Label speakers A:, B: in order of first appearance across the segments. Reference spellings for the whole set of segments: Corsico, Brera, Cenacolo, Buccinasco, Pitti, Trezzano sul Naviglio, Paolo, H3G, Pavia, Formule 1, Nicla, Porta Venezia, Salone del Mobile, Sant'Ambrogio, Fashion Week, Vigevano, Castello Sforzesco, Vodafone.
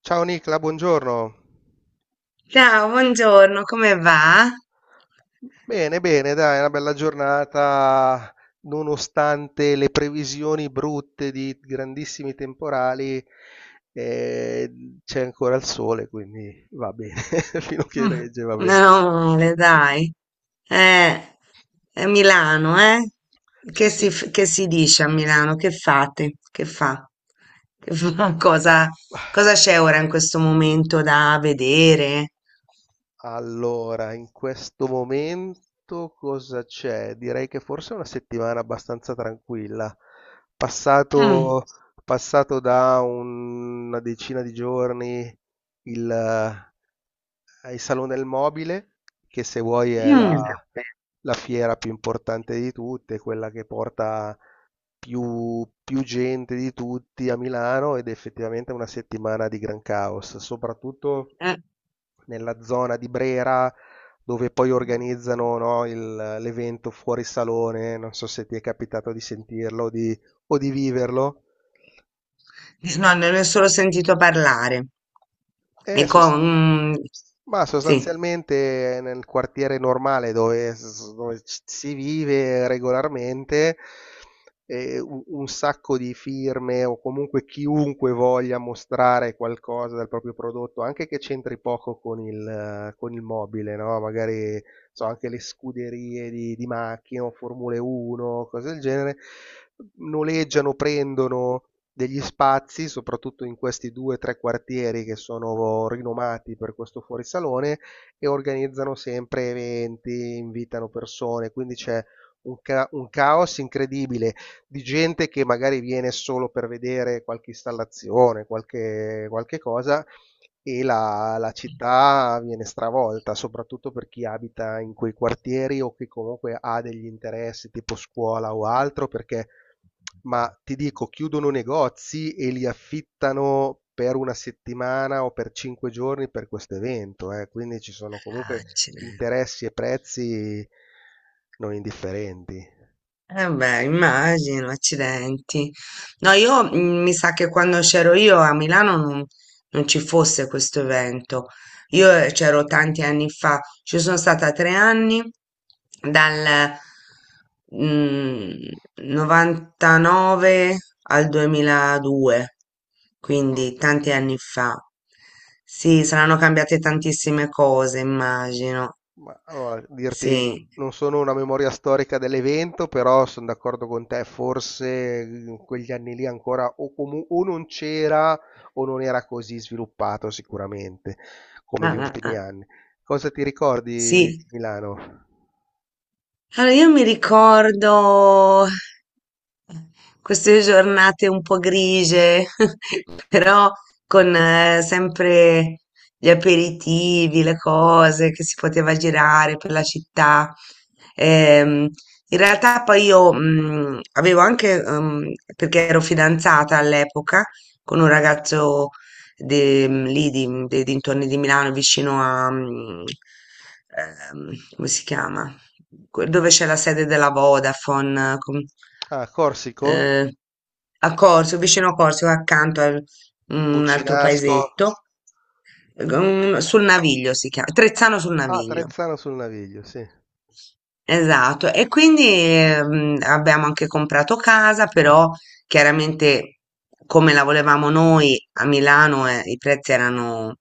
A: Ciao Nicla, buongiorno.
B: Ciao, buongiorno, come va?
A: Bene, bene, dai, è una bella giornata, nonostante le previsioni brutte di grandissimi temporali, eh, c'è ancora il sole, quindi va bene, fino a che
B: Mm,
A: regge, va bene.
B: Meno male, dai. Eh, è Milano, eh?
A: Sì, sì.
B: Che si dice a Milano? Che fate? Che fa? Che fa? Cosa c'è ora in questo momento da vedere?
A: Allora, in questo momento cosa c'è? Direi che forse è una settimana abbastanza tranquilla.
B: Mm,
A: Passato, passato da una decina di giorni il, eh, il Salone del Mobile, che se vuoi è la,
B: mm,
A: la fiera più importante di tutte, quella che porta più gente di tutti a Milano ed effettivamente è una settimana di gran caos, soprattutto
B: eh,
A: nella zona di Brera dove poi organizzano, no, l'evento fuori salone, non so se ti è capitato di sentirlo o di viverlo.
B: No, ne ho solo sentito parlare.
A: Eh,
B: E con...
A: sos-
B: mm,
A: Ma
B: sì.
A: sostanzialmente nel quartiere normale dove si vive regolarmente, un sacco di firme o comunque chiunque voglia mostrare qualcosa del proprio prodotto, anche che c'entri poco con con il mobile, no? Magari so, anche le scuderie di macchine o Formule 1, cose del genere, noleggiano, prendono degli spazi, soprattutto in questi due o tre quartieri che sono rinomati per questo fuorisalone e organizzano sempre eventi, invitano persone, quindi c'è un caos incredibile di gente che magari viene solo per vedere qualche installazione, qualche cosa e la città viene stravolta, soprattutto per chi abita in quei quartieri o che comunque ha degli interessi tipo scuola o altro, perché ma ti dico, chiudono negozi e li affittano per una settimana o per 5 giorni per questo evento, eh. Quindi ci sono
B: Ah,
A: comunque
B: ce n'è.
A: interessi e prezzi non indifferenti.
B: Eh beh, immagino, accidenti. No, io mi sa che quando c'ero io a Milano non ci fosse questo evento. Io c'ero tanti anni fa, ci sono stata tre anni, dal mm, 99 al 2002,
A: Mm.
B: quindi tanti anni fa. Sì, saranno cambiate tantissime cose, immagino.
A: Ma allora, dirti,
B: Sì.
A: non sono una memoria storica dell'evento, però sono d'accordo con te, forse in quegli anni lì ancora o, o non c'era o non era così sviluppato sicuramente come gli
B: Ah, ah,
A: ultimi
B: ah.
A: anni. Cosa ti ricordi
B: Sì.
A: di Milano?
B: Allora, io mi ricordo queste giornate un po' grigie, però con sempre gli aperitivi, le cose che si poteva girare per la città. Ehm, In realtà poi io avevo anche, perché ero fidanzata all'epoca con un ragazzo lì dei dintorni di Milano, vicino a, come si chiama? Dove c'è la sede della Vodafone,
A: Ah, Corsico?
B: eh, a Corso, vicino a Corso, accanto a un altro
A: Buccinasco?
B: paesetto, sul Naviglio si chiama,
A: Ah,
B: Trezzano sul
A: ah,
B: Naviglio.
A: Trezzano sul Naviglio, sì.
B: Esatto, e quindi abbiamo anche comprato casa, però chiaramente come la volevamo noi a Milano i prezzi erano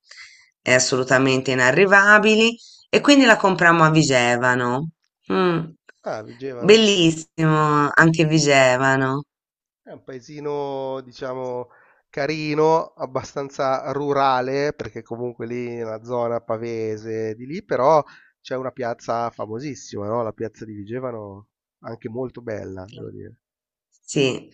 B: assolutamente inarrivabili e quindi la comprammo a Vigevano. Mm.
A: Ah, Vigevano.
B: Bellissimo anche Vigevano.
A: È un paesino, diciamo, carino, abbastanza rurale, perché comunque lì è una zona pavese di lì, però c'è una piazza famosissima, no? La piazza di Vigevano, anche molto bella, devo dire.
B: Sì,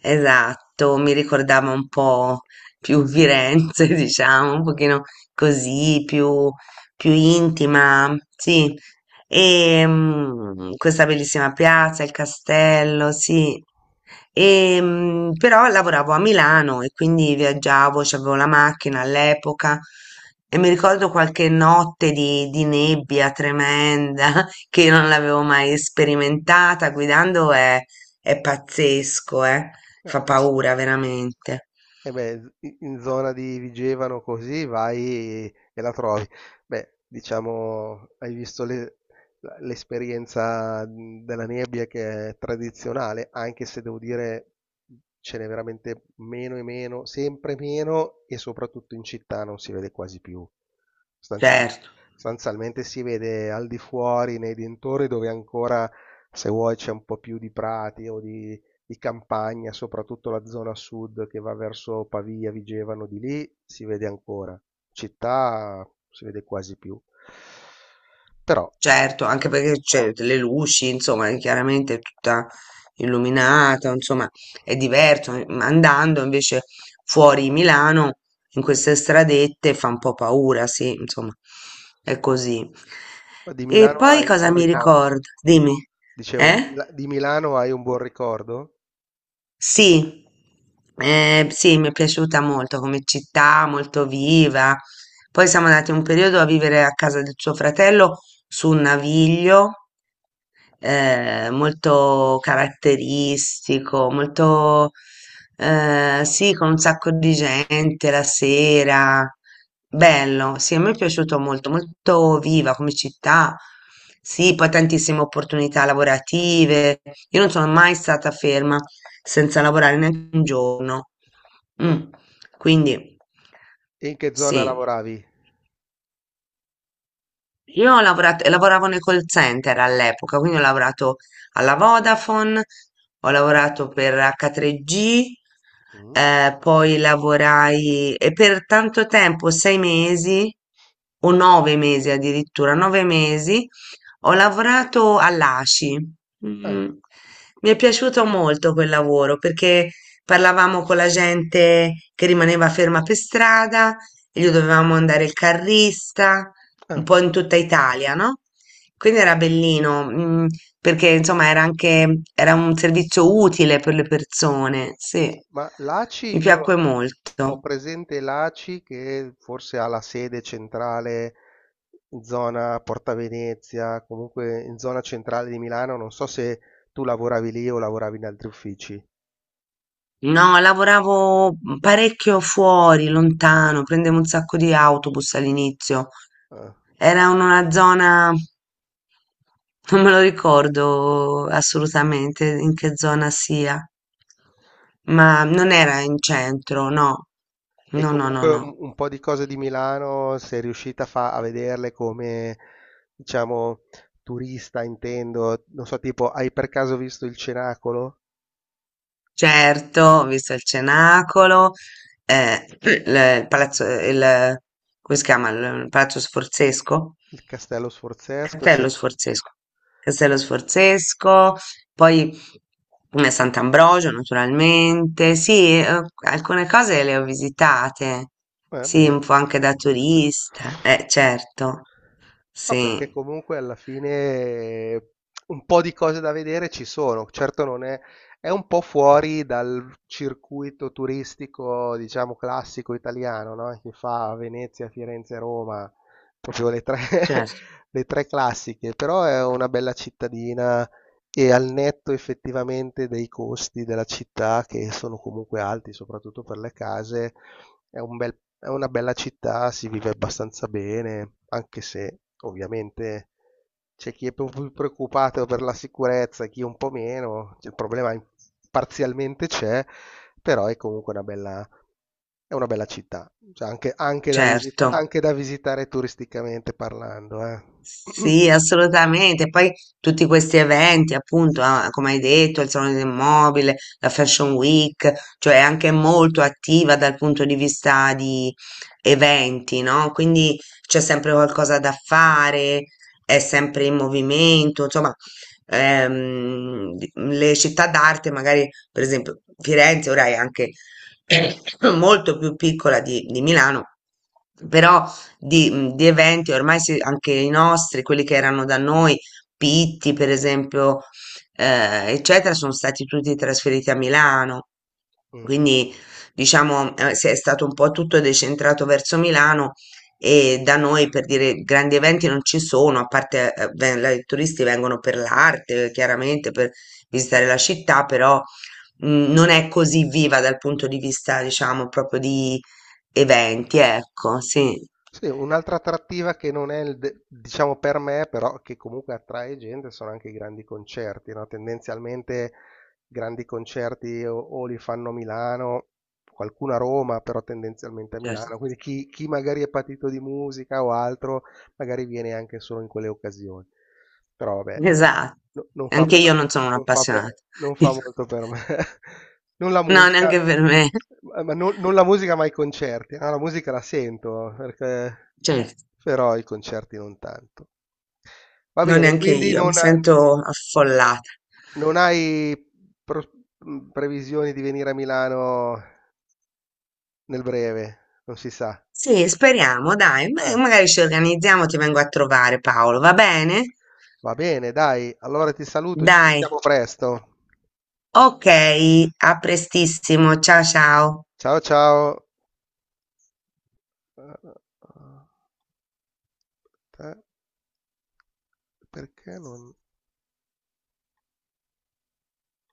B: esatto, mi ricordava un po' più Firenze, diciamo, un pochino così, più intima, sì. E questa bellissima piazza, il castello, sì. E, però lavoravo a Milano e quindi viaggiavo, c'avevo la macchina all'epoca e mi ricordo qualche notte di nebbia tremenda che io non l'avevo mai sperimentata guidando è pazzesco, eh. Fa
A: Sì.
B: paura veramente.
A: E beh, in zona di Vigevano così vai e la trovi. Beh, diciamo, hai visto l'esperienza della nebbia che è tradizionale, anche se devo dire ce n'è veramente meno e meno, sempre meno e soprattutto in città non si vede quasi più. Sostanzialmente,
B: Certo,
A: sostanzialmente si vede al di fuori, nei dintorni dove ancora, se vuoi, c'è un po' più di prati o di campagna, soprattutto la zona sud che va verso Pavia, Vigevano, di lì si vede ancora. Città si vede quasi più. Però
B: certo, anche perché c'è le luci, insomma, è chiaramente tutta illuminata, insomma, è diverso. Ma andando invece fuori Milano, in queste stradette, fa un po' paura, sì, insomma, è così.
A: di
B: E
A: Milano
B: poi
A: hai un
B: cosa
A: buon
B: mi Ah,
A: ricordo.
B: ricordo? Dimmi,
A: Dicevo, di,
B: eh?
A: Mila- di Milano hai un buon ricordo?
B: Sì, sì, mi è piaciuta molto come città, molto viva. Poi siamo andati un periodo a vivere a casa del suo fratello su un naviglio molto caratteristico, molto, sì, con un sacco di gente la sera. Bello, sì, a me è piaciuto molto, molto viva come città. Sì, poi tantissime opportunità lavorative. Io non sono mai stata ferma senza lavorare neanche un giorno.
A: Mm.
B: Mm. Quindi,
A: E in che zona
B: sì.
A: lavoravi?
B: Io ho lavorato, lavoravo nel call center all'epoca, quindi ho lavorato alla Vodafone, ho lavorato per H3G,
A: Mm.
B: poi lavorai e per tanto tempo, sei mesi o nove mesi addirittura, nove mesi, ho lavorato all'ASI.
A: Ah.
B: Mm. Mi è piaciuto molto quel lavoro perché parlavamo con la gente che rimaneva ferma per strada e gli dovevamo andare il carrista, un
A: Ah.
B: po' in tutta Italia, no? Quindi era bellino, perché insomma era un servizio utile per le persone, sì.
A: Ma l'ACI
B: Mi
A: io
B: piacque
A: l'ho Ho
B: molto.
A: presente l'ACI che forse ha la sede centrale in zona Porta Venezia, comunque in zona centrale di Milano, non so se tu lavoravi lì o lavoravi in altri uffici.
B: No, lavoravo parecchio fuori, lontano, prendevo un sacco di autobus all'inizio.
A: Ah.
B: Era in una zona, non me lo ricordo assolutamente in che zona sia, ma non era in centro, no.
A: E
B: No, no, no,
A: comunque un,
B: no.
A: un po' di cose di Milano, sei riuscita a vederle come, diciamo, turista, intendo, non so, tipo, hai per caso visto il Cenacolo,
B: Certo, ho visto il Cenacolo, il palazzo, come si chiama? Il palazzo Sforzesco.
A: il Castello Sforzesco? Sì,
B: Castello Sforzesco. Castello Sforzesco, poi Sant'Ambrogio naturalmente. Sì, alcune cose le ho visitate. Sì,
A: vabbè.
B: un po' anche da turista. Certo.
A: Ma perché
B: Sì,
A: comunque alla fine un po' di cose da vedere ci sono, certo non è, è un po' fuori dal circuito turistico, diciamo, classico italiano, no? Che fa Venezia, Firenze, Roma, proprio le tre,
B: certo,
A: le tre classiche, però è una bella cittadina e al netto effettivamente dei costi della città che sono comunque alti, soprattutto per le case, è una bella città, si vive abbastanza bene, anche se ovviamente c'è chi è più preoccupato per la sicurezza, chi un po' meno, il problema parzialmente c'è, però è comunque è una bella città, cioè, anche, anche da visita-
B: certo.
A: anche da visitare turisticamente parlando, eh.
B: Sì, assolutamente. Poi tutti questi eventi, appunto, ah, come hai detto, il Salone del Mobile, la Fashion Week, cioè è anche molto attiva dal punto di vista di eventi, no? Quindi c'è sempre qualcosa da fare, è sempre in movimento, insomma, le città d'arte, magari, per esempio, Firenze ora è anche molto più piccola di Milano, però di eventi, anche i nostri, quelli che erano da noi, Pitti per esempio, eccetera, sono stati tutti trasferiti a Milano.
A: Mm.
B: Quindi diciamo si è stato un po' tutto decentrato verso Milano e da noi per dire grandi eventi non ci sono, a parte i turisti vengono per l'arte, chiaramente per visitare la città, però non è così viva dal punto di vista, diciamo, proprio di eventi, ecco, sì.
A: Sì, un'altra attrattiva che non è, diciamo per me, però che comunque attrae gente sono anche i grandi concerti, no? Tendenzialmente grandi concerti o li fanno a Milano, qualcuno a Roma, però tendenzialmente a
B: Certo.
A: Milano. Quindi chi magari è patito di musica o altro, magari viene anche solo in quelle occasioni. Però vabbè,
B: esa
A: non- non fa
B: Anche io
A: per-
B: non sono un'appassionata.
A: non fa
B: Dico,
A: molto per me. Non la
B: no,
A: musica,
B: neanche per me.
A: ma non la musica, ma i concerti. Ah, la musica la sento, perché,
B: Certo,
A: però i concerti non tanto. Va
B: no,
A: bene,
B: neanche
A: quindi
B: io. Mi
A: non,
B: sento affollata.
A: non hai pro- previsioni di venire a Milano nel breve, non si sa.
B: Sì, speriamo, dai.
A: Eh,
B: Magari ci organizziamo, ti vengo a trovare, Paolo, va bene?
A: va bene, dai, allora ti saluto, ci
B: Dai.
A: sentiamo presto.
B: Ok, a prestissimo. Ciao ciao.
A: Ciao ciao. Eh, eh, Perché non.